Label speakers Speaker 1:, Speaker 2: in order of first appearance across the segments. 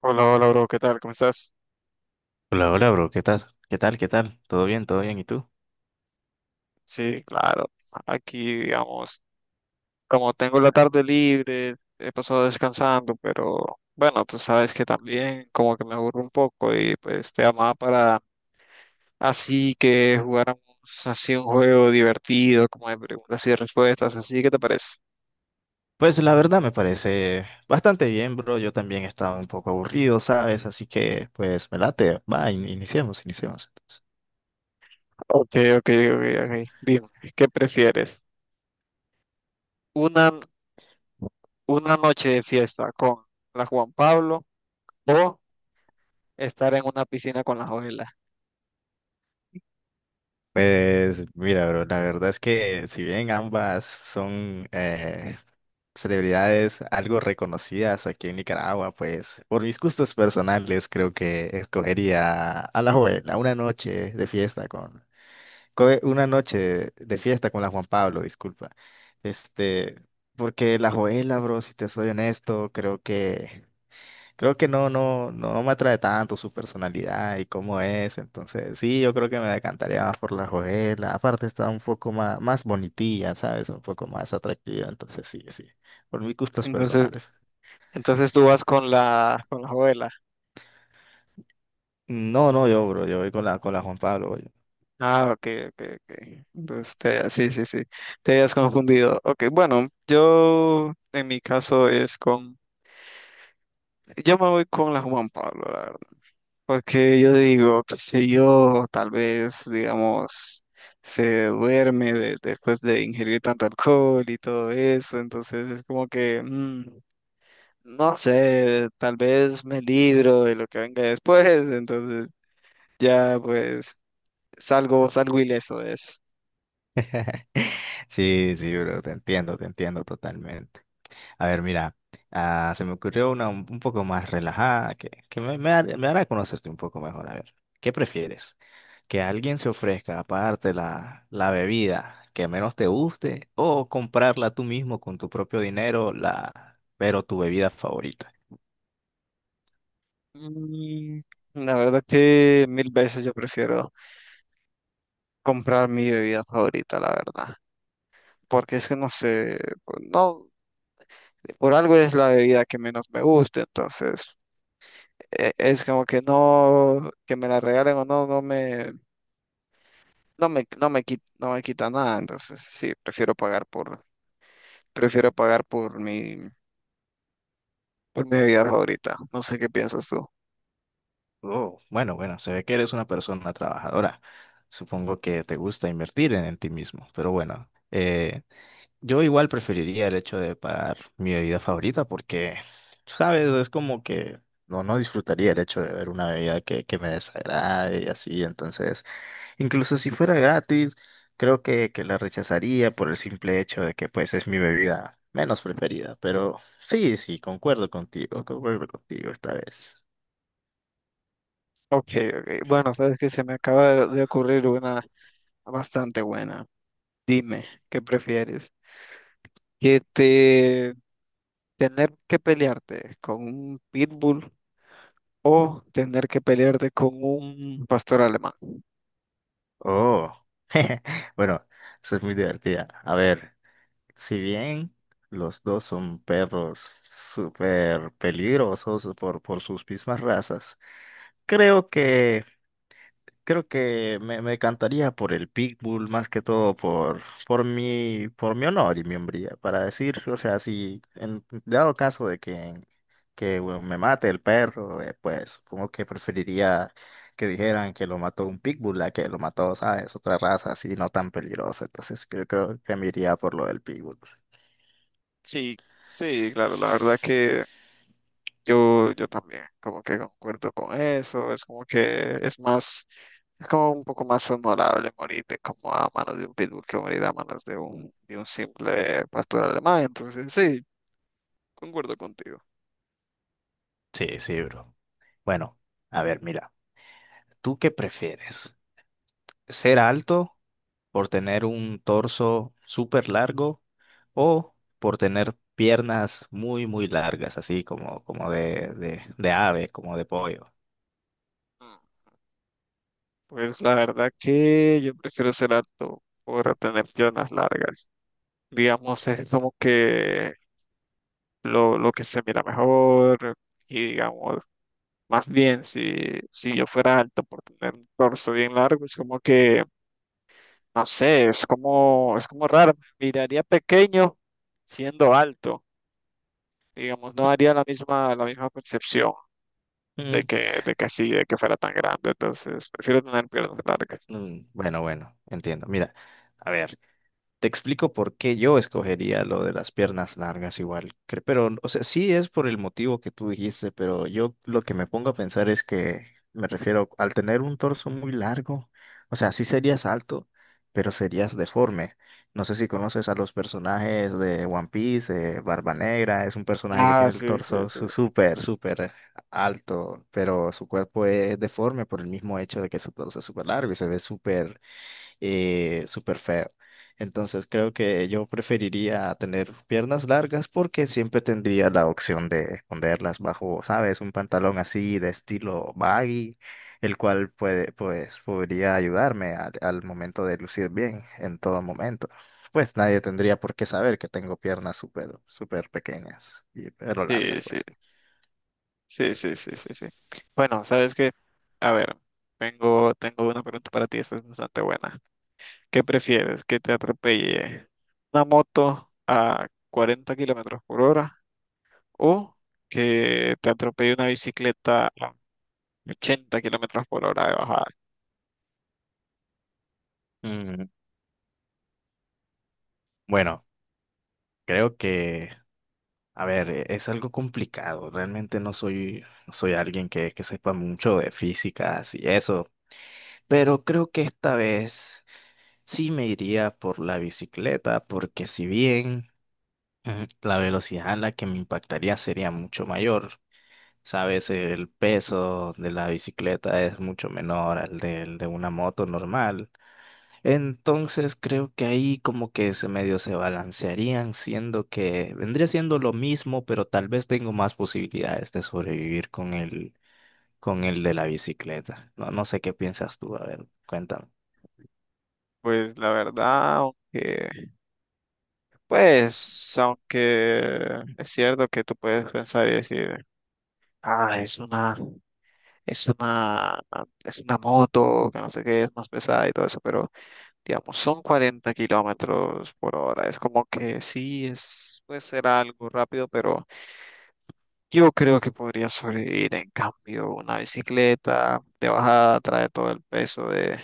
Speaker 1: Hola, hola, bro, ¿qué tal? ¿Cómo estás?
Speaker 2: Hola, hola, bro. ¿Qué tal? ¿Qué tal? ¿Qué tal? ¿Todo bien? ¿Todo bien? ¿Y tú?
Speaker 1: Sí, claro. Aquí, digamos, como tengo la tarde libre, he pasado descansando, pero bueno, tú sabes que también como que me aburro un poco y pues te llamaba para así que jugáramos así un juego divertido, como de preguntas y respuestas, así, ¿qué te parece?
Speaker 2: Pues la verdad me parece bastante bien, bro. Yo también estaba un poco aburrido, ¿sabes? Así que, pues, me late. Va, iniciemos. Entonces.
Speaker 1: Ok, ok, ok, ok. Dime, ¿qué prefieres? ¿Una, una noche de fiesta con la Juan Pablo o estar en una piscina con las ojelas?
Speaker 2: Pues, mira, bro, la verdad es que si bien ambas son celebridades algo reconocidas aquí en Nicaragua, pues, por mis gustos personales creo que escogería a la joven, a una noche de fiesta una noche de fiesta con la Juan Pablo, disculpa. Este, porque la Joela, bro, si te soy honesto, creo que no me atrae tanto su personalidad y cómo es, entonces sí, yo creo que me decantaría más por la Joela. Aparte está un poco más bonitilla, ¿sabes? Un poco más atractiva, entonces sí, sí. Por mis gustos
Speaker 1: Entonces,
Speaker 2: personales.
Speaker 1: Entonces tú vas con la abuela.
Speaker 2: No, no, yo, bro, yo voy con la Juan Pablo voy.
Speaker 1: Ah, ok, ok, ok. Entonces, sí. Te habías confundido. Ok, bueno, yo en mi caso es con. Yo me voy con la Juan Pablo, la verdad. Porque yo digo, qué sé yo, tal vez, digamos, se después de ingerir tanto alcohol y todo eso. Entonces es como que, no sé, tal vez me libro de lo que venga después. Entonces. Ya, pues salgo ileso de eso.
Speaker 2: Sí, sí, bro, te entiendo totalmente. A ver, mira, ah, se me ocurrió un poco más relajada que, me hará conocerte un poco mejor. A ver, ¿qué prefieres? ¿Que alguien se ofrezca a pagarte la bebida que menos te guste o comprarla tú mismo con tu propio dinero, pero tu bebida favorita?
Speaker 1: Mm, La verdad que mil veces yo prefiero comprar mi bebida favorita, la verdad. Porque es que no sé, no, por algo es la bebida que menos me gusta, entonces es como que no, que me la regalen o no, no me quita, no me quita nada, entonces sí, prefiero pagar por mi bebida favorita. No sé qué piensas tú.
Speaker 2: Oh, bueno, bueno, se ve que eres una persona trabajadora. Supongo que te gusta invertir en ti mismo, pero bueno, yo igual preferiría el hecho de pagar mi bebida favorita porque, sabes, es como que no, no disfrutaría el hecho de ver una bebida que me desagrade y así, entonces, incluso si fuera gratis, creo que la rechazaría por el simple hecho de que pues es mi bebida menos preferida, pero sí, sí, concuerdo contigo esta vez.
Speaker 1: Ok, ok. Bueno, sabes que se me acaba de ocurrir una bastante buena. Dime, ¿qué prefieres? ¿Que te tener que pelearte con un pitbull o tener que pelearte con un pastor alemán?
Speaker 2: Oh, bueno, eso es muy divertida. A ver, si bien los dos son perros súper peligrosos por sus mismas razas, creo que me encantaría por el Pitbull, más que todo por, por mi honor y mi hombría, para decir, o sea, si en dado caso de que bueno, me mate el perro, pues supongo que preferiría que dijeran que lo mató un Pitbull a que lo mató, ¿sabes? Otra raza así no tan peligrosa. Entonces creo que me iría por lo del Pitbull.
Speaker 1: Sí, sí, claro, la verdad que yo también como que concuerdo con eso, es como que es más, es como un poco más honorable morirte como a manos de un pitbull que morir a manos de un simple pastor alemán, entonces sí, concuerdo contigo.
Speaker 2: Sí, sí, bro. Bueno, a ver, mira, ¿tú qué prefieres? ¿Ser alto por tener un torso súper largo o por tener piernas muy, muy largas, así como, de ave, como de pollo?
Speaker 1: Mm. Pues la verdad que yo prefiero ser alto por tener piernas largas. Digamos, es como que lo que se mira mejor y digamos, más bien si, si yo fuera alto por tener un torso bien largo, es como que, no sé, es como raro, me miraría pequeño siendo alto. Digamos, no haría la misma percepción
Speaker 2: Mm,
Speaker 1: de que así, de que fuera tan grande. Entonces, prefiero tener piernas largas.
Speaker 2: mm, bueno, bueno, entiendo. Mira, a ver. Te explico por qué yo escogería lo de las piernas largas igual, pero, o sea, sí es por el motivo que tú dijiste, pero yo lo que me pongo a pensar es que me refiero al tener un torso muy largo. O sea, sí serías alto, pero serías deforme. No sé si conoces a los personajes de One Piece, Barba Negra es un personaje que
Speaker 1: Ah,
Speaker 2: tiene el
Speaker 1: sí, sí,
Speaker 2: torso
Speaker 1: sí.
Speaker 2: súper, súper alto, pero su cuerpo es deforme por el mismo hecho de que su torso es súper largo y se ve súper súper feo. Entonces creo que yo preferiría tener piernas largas porque siempre tendría la opción de esconderlas bajo, ¿sabes? Un pantalón así de estilo baggy, el cual puede, pues, podría ayudarme al momento de lucir bien en todo momento. Pues nadie tendría por qué saber que tengo piernas súper, súper pequeñas, y, pero
Speaker 1: Sí,
Speaker 2: largas,
Speaker 1: sí.
Speaker 2: pues.
Speaker 1: Sí, sí, sí, sí, sí. Bueno, sabes que, a ver, tengo, tengo una pregunta para ti, esta es bastante buena. ¿Qué prefieres? ¿Que te atropelle una moto a 40 km/h o que te atropelle una bicicleta a 80 km/h de bajada?
Speaker 2: Mm, bueno, creo que a ver, es algo complicado. Realmente no soy alguien que sepa mucho de físicas y eso. Pero creo que esta vez sí me iría por la bicicleta, porque si bien la velocidad a la que me impactaría sería mucho mayor, sabes, el peso de la bicicleta es mucho menor al del de una moto normal. Entonces creo que ahí como que se medio se balancearían, siendo que vendría siendo lo mismo, pero tal vez tengo más posibilidades de sobrevivir con con el de la bicicleta. No, no sé qué piensas tú, a ver, cuéntame.
Speaker 1: Pues la verdad, aunque, pues, aunque es cierto que tú puedes pensar y decir, ah, es una. Es una, es una moto, que no sé qué, es más pesada y todo eso, pero digamos, son 40 km/h. Es como que sí, es, puede ser algo rápido, pero yo creo que podría sobrevivir. En cambio, una bicicleta de bajada trae todo el peso de,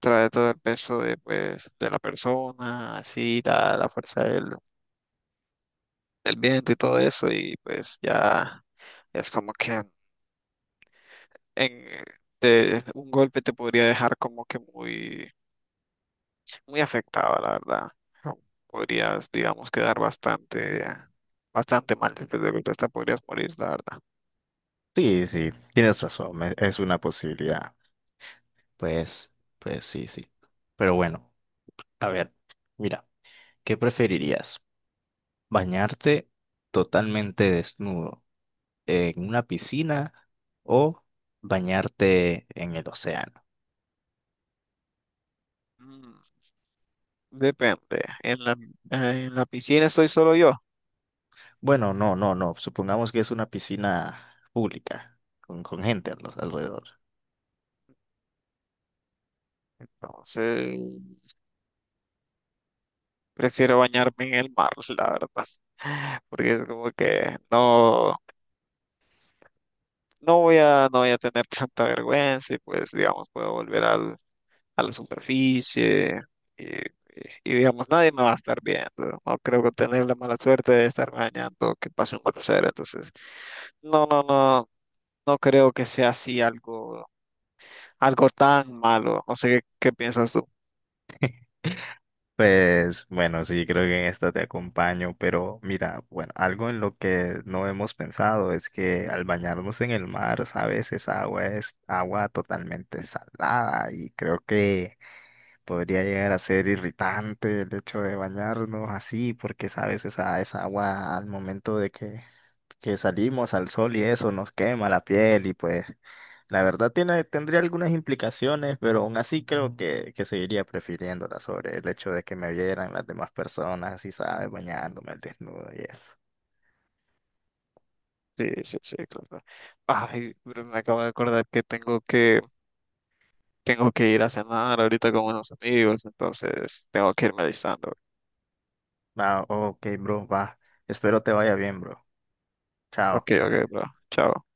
Speaker 1: trae todo el peso de, pues, de la persona, así, la fuerza del, del viento y todo eso, y pues ya es como que en, un golpe te podría dejar como que muy muy afectado, la verdad. Podrías, digamos, quedar bastante, bastante mal después de golpe, hasta podrías morir, la verdad.
Speaker 2: Sí, sí, tienes razón, es una posibilidad. Pues, pues sí, sí. Pero bueno, a ver, mira, ¿qué preferirías? ¿Bañarte totalmente desnudo en una piscina o bañarte en el océano?
Speaker 1: Mm, Depende. En la piscina estoy solo yo,
Speaker 2: Bueno, no, no, no. Supongamos que es una piscina pública, con gente a alrededor.
Speaker 1: entonces prefiero bañarme en el mar, la verdad. Porque es como que no, no voy a tener tanta vergüenza y pues, digamos, puedo volver al a la superficie y, y- y, digamos, nadie me va a estar viendo. No creo que tener la mala suerte de estar bañando, que pase un crucero. Entonces, no, no, no, no creo que sea así algo, algo tan malo. No sé qué, qué piensas tú.
Speaker 2: Pues bueno, sí, creo que en esta te acompaño, pero mira, bueno, algo en lo que no hemos pensado es que al bañarnos en el mar, sabes, esa agua es agua totalmente salada y creo que podría llegar a ser irritante el hecho de bañarnos así, porque sabes, esa agua al momento de que salimos al sol y eso nos quema la piel y pues la verdad tendría algunas implicaciones, pero aún así creo que seguiría prefiriéndola sobre el hecho de que me vieran las demás personas, así sabes, bañándome al desnudo y eso.
Speaker 1: Sí, sí, sí, claro. Ay, pero me acabo de acordar que tengo que, tengo que ir a cenar ahorita con unos amigos, entonces tengo que irme alistando.
Speaker 2: Va, ok, bro, va. Espero te vaya bien, bro.
Speaker 1: Ok,
Speaker 2: Chao.
Speaker 1: ok, bro. Chao.